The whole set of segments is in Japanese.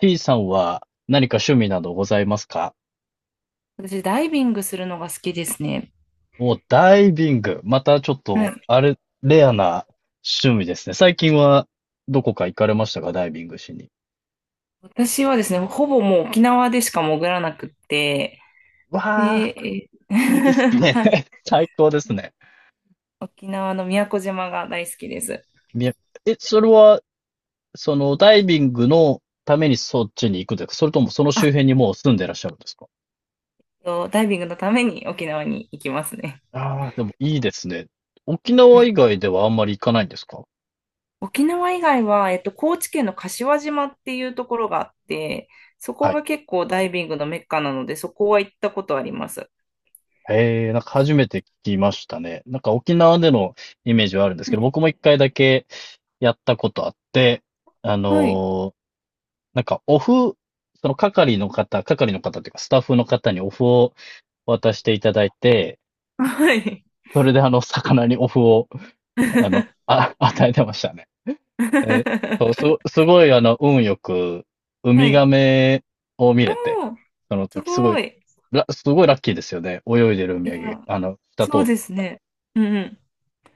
T さんは何か趣味などございますか？私、ダイビングするのが好きですね。お、ダイビング。またちょっはい。と、レアな趣味ですね。最近はどこか行かれましたか？ダイビングしに。私はですね、ほぼもう沖縄でしか潜らなくって、で、わあ、いいです ね。はい。 最高ですね。沖縄の宮古島が大好きです。みえ、それは、ダイビングのためにそっちに行くんですか？それともその周あ辺にもう住んでらっしゃるんですか？と、ダイビングのために沖縄に行きますね。ああー、でもいいですね。沖は縄い。以外ではあんまり行かないんですか？沖縄以外は、高知県の柏島っていうところがあって、そこはい。が結構ダイビングのメッカなので、そこは行ったことあります。へえ、なんか初めて聞きましたね。なんか沖縄でのイメージはあるんですけど、僕も一回だけやったことあって、あはい。のーなんかお麩、その係の方っていうかスタッフの方にお麩を渡していただいて、はい。それで魚にお麩を、与えてましたね。え、そう、す、すごい運よく、ウはミガい。メを見おれて、ー、そのす時すごごい、い。すごいラッキーですよね。泳いでるウいミガメ、や、下通そうってですね。うんうん。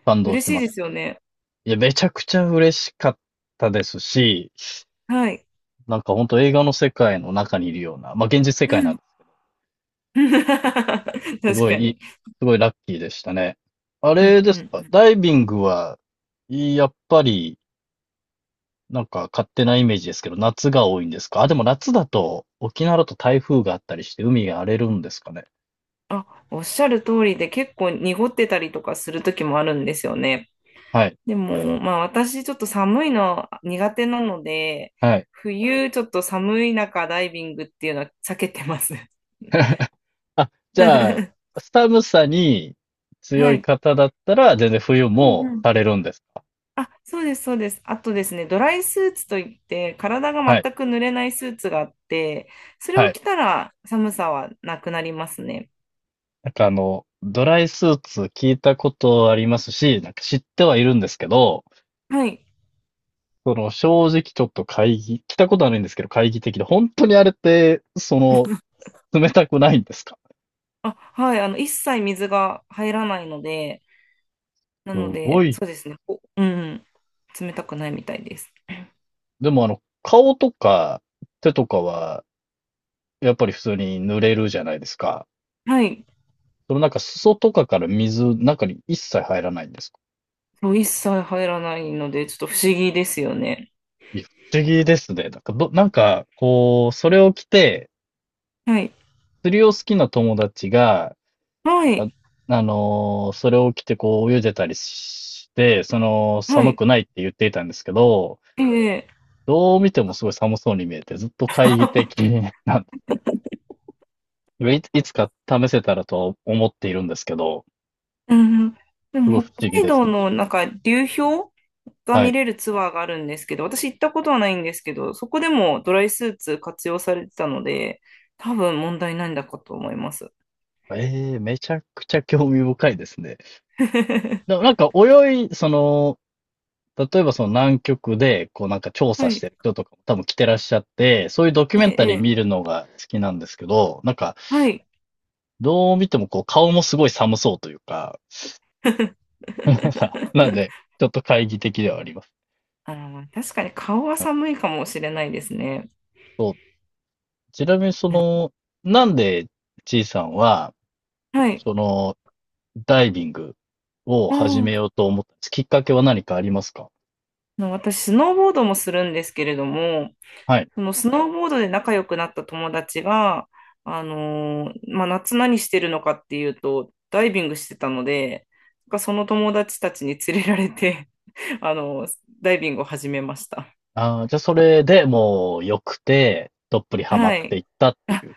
感動嬉ししいまでした。すよね。いや、めちゃくちゃ嬉しかったですし、はい。なんか本当映画の世界の中にいるような、まあ現実世う界なんん。です、す確ごいかいい、に。すごいラッキーでしたね。あうれんでうんうすか、ん。ダイビングは、やっぱり、なんか勝手なイメージですけど、夏が多いんですか？あ、でも夏だと、沖縄だと台風があったりして海が荒れるんですかね。あ、おっしゃる通りで結構濁ってたりとかする時もあるんですよね。はい、でも、まあ私ちょっと寒いの苦手なので、はい。冬ちょっと寒い中ダイビングっていうのは避けてます。あ、じゃあ、寒さに強はいい。方だったら、全然冬うんもうん。されるんですか？あ、そうです、そうです。あとですね、ドライスーツといって、体がはい、全く濡れないスーツがあって、それはをい。着たら寒さはなくなりますね。なんかドライスーツ聞いたことありますし、なんか知ってはいるんですけど、はい。その正直ちょっと来たことはないんですけど、懐疑的で、本当にあれって、冷たくないんですか？あ、はい。一切水が入らないので、なすのごで、い。そうですね。おうん、冷たくないみたいです。でも顔とか手とかは、やっぱり普通に濡れるじゃないですか。はい。そのなんか裾とかから水、中に一切入らないんですか？そう、一切入らないので、ちょっと不思議ですよね。いや、不思議ですね。なんかど、なんか、こう、それを着て、はい。釣りを好きな友達が、はあ、い。それを着てこう泳いでたりして、そのは寒い。くないって言っていたんですけど、ええ、どう見てもすごい寒そうに見えて、ずっと懐疑的 なんで、いつか試せたらと思っているんですけど、うん。ですも、ごい不北思議海です。道のなんか流氷がは見い。れるツアーがあるんですけど、私行ったことはないんですけど、そこでもドライスーツ活用されてたので、多分問題ないんだかと思います。ええ、めちゃくちゃ興味深いですね。でも なんか泳い、その、例えばその南極で、こうなんか調は査しい。てる人とかも多分来てらっしゃって、そういうドキュメえンタリーえ、え見え、るのが好きなんですけど、なんかはい。どう見てもこう顔もすごい寒そうというか、なん で、ちょっと懐疑的ではあります。確かに顔ははい。寒いかもしれないですね。そう。ちなみにその、なんで、ちいさんは、はい。その、ダイビングをう始めん。ようと思ったんです？きっかけは何かありますか？私、スノーボードもするんですけれども、はい。そのスノーボードで仲良くなった友達が、まあ、夏何してるのかっていうと、ダイビングしてたので、なんかその友達たちに連れられて、あのーダイビングを始めました。あー、じゃあそれでもう良くて、どっぷりハマはってい。いったっていあ、う。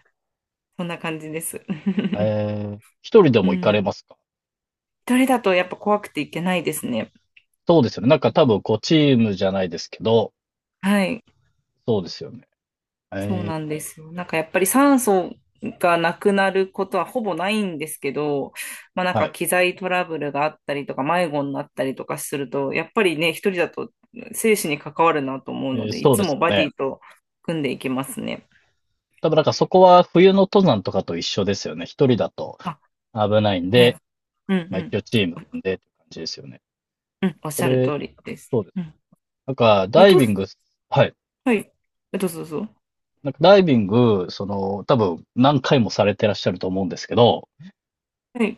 そんな感じです。一人で うも行かれん。ますか？一人だとやっぱ怖くていけないですね。そうですよね。なんか多分こうチームじゃないですけど、はい。そうですよね。そうえなー、んですよ。なんかやっぱり酸素がなくなることはほぼないんですけど、まあなんはかい。機材トラブルがあったりとか迷子になったりとかすると、やっぱりね、一人だと生死に関わるなと思うので、いそうつですもよバデね。ィと組んでいきますね。多分なんかそこは冬の登山とかと一緒ですよね。一人だとあ、危ないんはで、い。うんまあう一ん。応チーム組んでって感じですよね。うん、おっしそゃるれ、通りです。そうです。うん。なんかえっダイと、ビング、はい。はい。どうぞどうぞ。なんかダイビング、多分何回もされてらっしゃると思うんですけど、はい。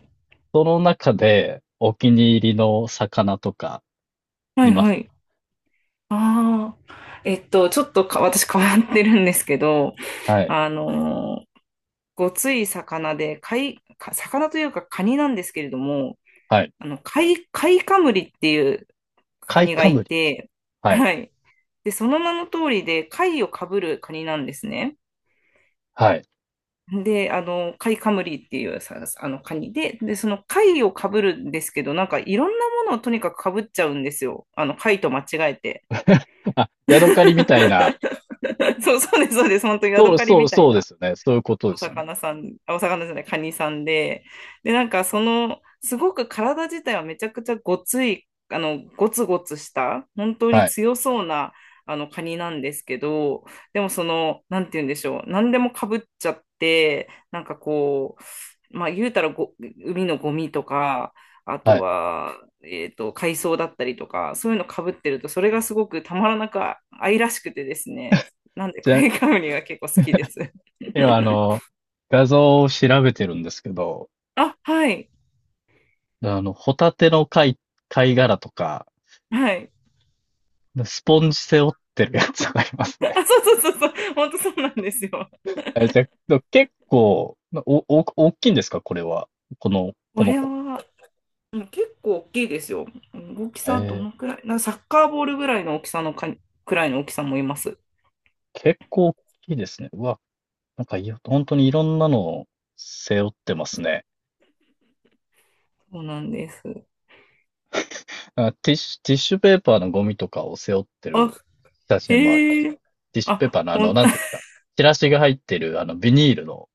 その中でお気に入りの魚とかはいいまはす？い。ああ。えっと、ちょっとか、私変わってるんですけど、はい。あのーごつい魚で、貝、か魚というかカニなんですけれども、はい。貝カムリっていうカカイニがカムいリ。て、はい。はい。で、その名の通りで、貝をかぶるカニなんですね。はい。で、貝カムリっていうさ、あの、カニで、その貝をかぶるんですけど、なんかいろんなものをとにかくかぶっちゃうんですよ。貝と間違えて。あ、ヤドカリみたい な。そう、そうです、そうです。本当にヤそドう、カリそう、みたいそうでな。すよね。そういうことでおすよね。魚さん、あ、お魚じゃない、カニさんで、なんかすごく体自体はめちゃくちゃごつい、ゴツゴツした、本当にはい。強そうな、カニなんですけど、でもなんて言うんでしょう、何でもかぶっちゃって、なんかこう、まあ言うたら海のゴミとか、あはとい。は、海藻だったりとか、そういうのかぶってると、それがすごくたまらなく愛らしくてですね、なんで、カニカムニが結構好きです。今、画像を調べてるんですけど、あ、はい。ホタテの貝殻とか、はい。スポンジ背負ってるやつがあります あ、ね。そうそうそうそう。本当そうなんですよ。え、じゃあ、結構、大きいんですか？これは。ここのれ子。は、うん、結構大きいですよ。大きえさどー、のくらいな、サッカーボールぐらいの大きさのか、くらいの大きさもいます。結構大きいですね。うわ、なんかい本当にいろんなのを背負ってますね。そうなんです。あ、ティッシュペーパーのゴミとかを背負ってるあ、写真もあります。へえ。ティッシュペーあ、パーのなんていうんですか。チラシが入ってる、ビニールの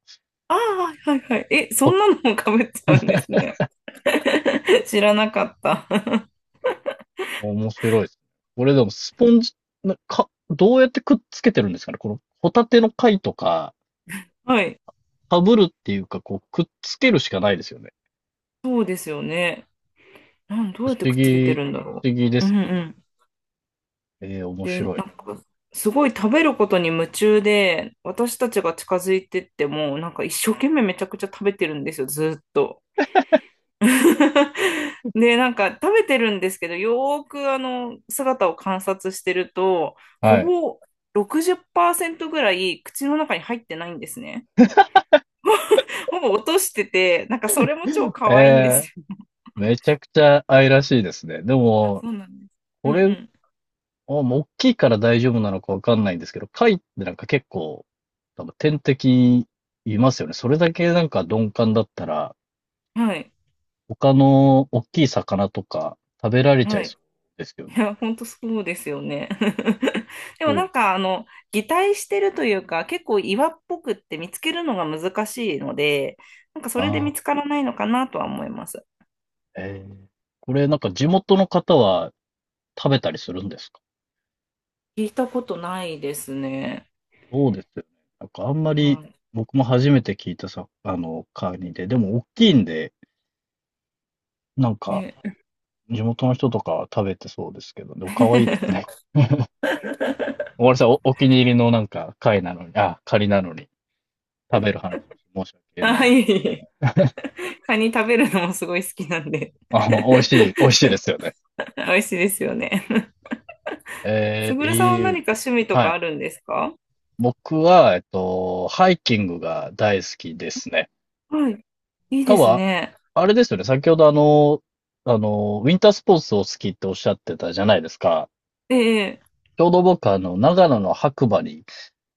ああ、はいはいはい。え、そポ。んなのもかぶっちゃうんですね。知らなかった。面白いですね。これでもスポンジ、どうやってくっつけてるんですかね。このホタテの貝とか、はい。かぶるっていうか、こう、くっつけるしかないですよね。そうですよね。どう不や思ってくっつけて議、不るんだろ思議でう。うすんうん。ね。面で、白い。なんか、すごい食べることに夢中で、私たちが近づいてっても、なんか一生懸命めちゃくちゃ食べてるんですよ、ずーっと。で、なんか食べてるんですけど、よーく姿を観察してると、ほはい。ぼ60%ぐらい口の中に入ってないんですね。ほぼ落としてて、なんかそれも超可愛いんでえー、すよ。めちゃくちゃ愛らしいですね。であ、も、そうなんです。うこんれ、うあもう大きいから大丈夫なのかわかんないんですけど、貝ってなんか結構、多分天敵いますよね。それだけなんか鈍感だったら、ん。はい。他の大きい魚とか食べられちゃはいい。そうですよいね。や、本当そうですよね。でもそなうでんすか、擬態してるというか、結構岩っぽくって見つけるのが難しいので、なんかそれでな。見つからないのかなとは思います。ええ。これなんか地元の方は食べたりするんですか？聞いたことないですね。そうですよね。なんかあんまりは僕も初めて聞いたさ、カニで、でも大きいんで、なんい。かね、地元の人とかは食べてそうですけど、でも可愛いです ね。おわりさん、お気に入りのなんか貝なのに、あ、カニなのに食べる話をして申し訳なはいでい。す。カニ食べるのもすごい好きなんで。あ、美味しい ですよね。美味しいですよね。すえぐえ、るさんはいい。何か趣味とはかい。あるんですか？僕は、ハイキングが大好きですね。はい。いい多で分すね。あれですよね。先ほどウィンタースポーツを好きっておっしゃってたじゃないですか。ええ、ちょうど僕長野の白馬に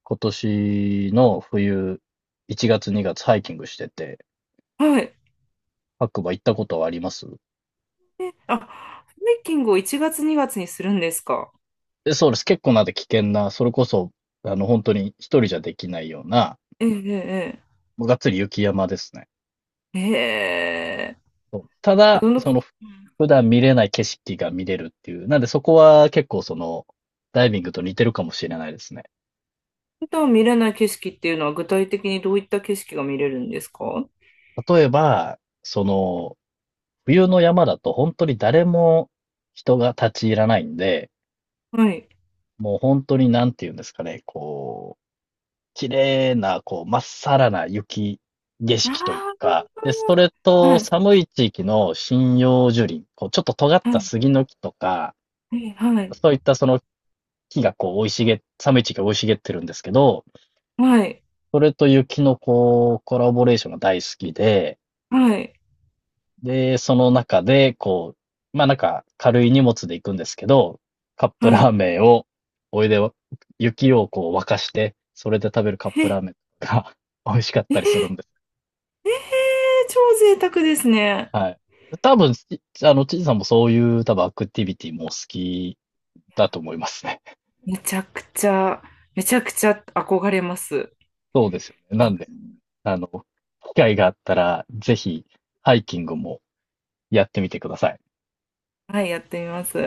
今年の冬、1月2月ハイキングしてて、はい。白馬行ったことはあります？え、あ、ハイキングを1月2月にがつにするんですか？そうです。結構なんで危険な、それこそ、本当に一人じゃできないような、ええ、もうがっつり雪山ですね。ええ、えそうたえ。だ、普普段見れない景色が見れるっていう。なんでそこは結構ダイビングと似てるかもしれないですね。段見れない景色っていうのは具体的にどういった景色が見れるんですか？例えば、冬の山だと本当に誰も人が立ち入らないんで、はい。もう本当になんていうんですかね、こう、綺麗な、こう、まっさらな雪景色というあか、で、それあ、はとい、寒い地域の針葉樹林、こう、ちょっと尖っはたい、杉の木とか、はい、そういったその木がこう、生い茂っ、寒い地域が生い茂ってるんですけど、はい、それと雪のこう、コラボレーションが大好きで、はい、で、その中で、こう、まあなんか軽い荷物で行くんですけど、カップはラーい。メンを、お湯で雪をこう沸かして、それで食べるカッえ、プラーえ、メンが 美味しかっえ、たりするんです。ええ、超贅沢ですね。はい。多分、ちあの、ちいさんもそういう多分アクティビティもお好きだと思いますね。めちゃくちゃ、めちゃくちゃ憧れます。なあ、んで、あの、機会があったら、ぜひハイキングもやってみてください。はい、やってみます。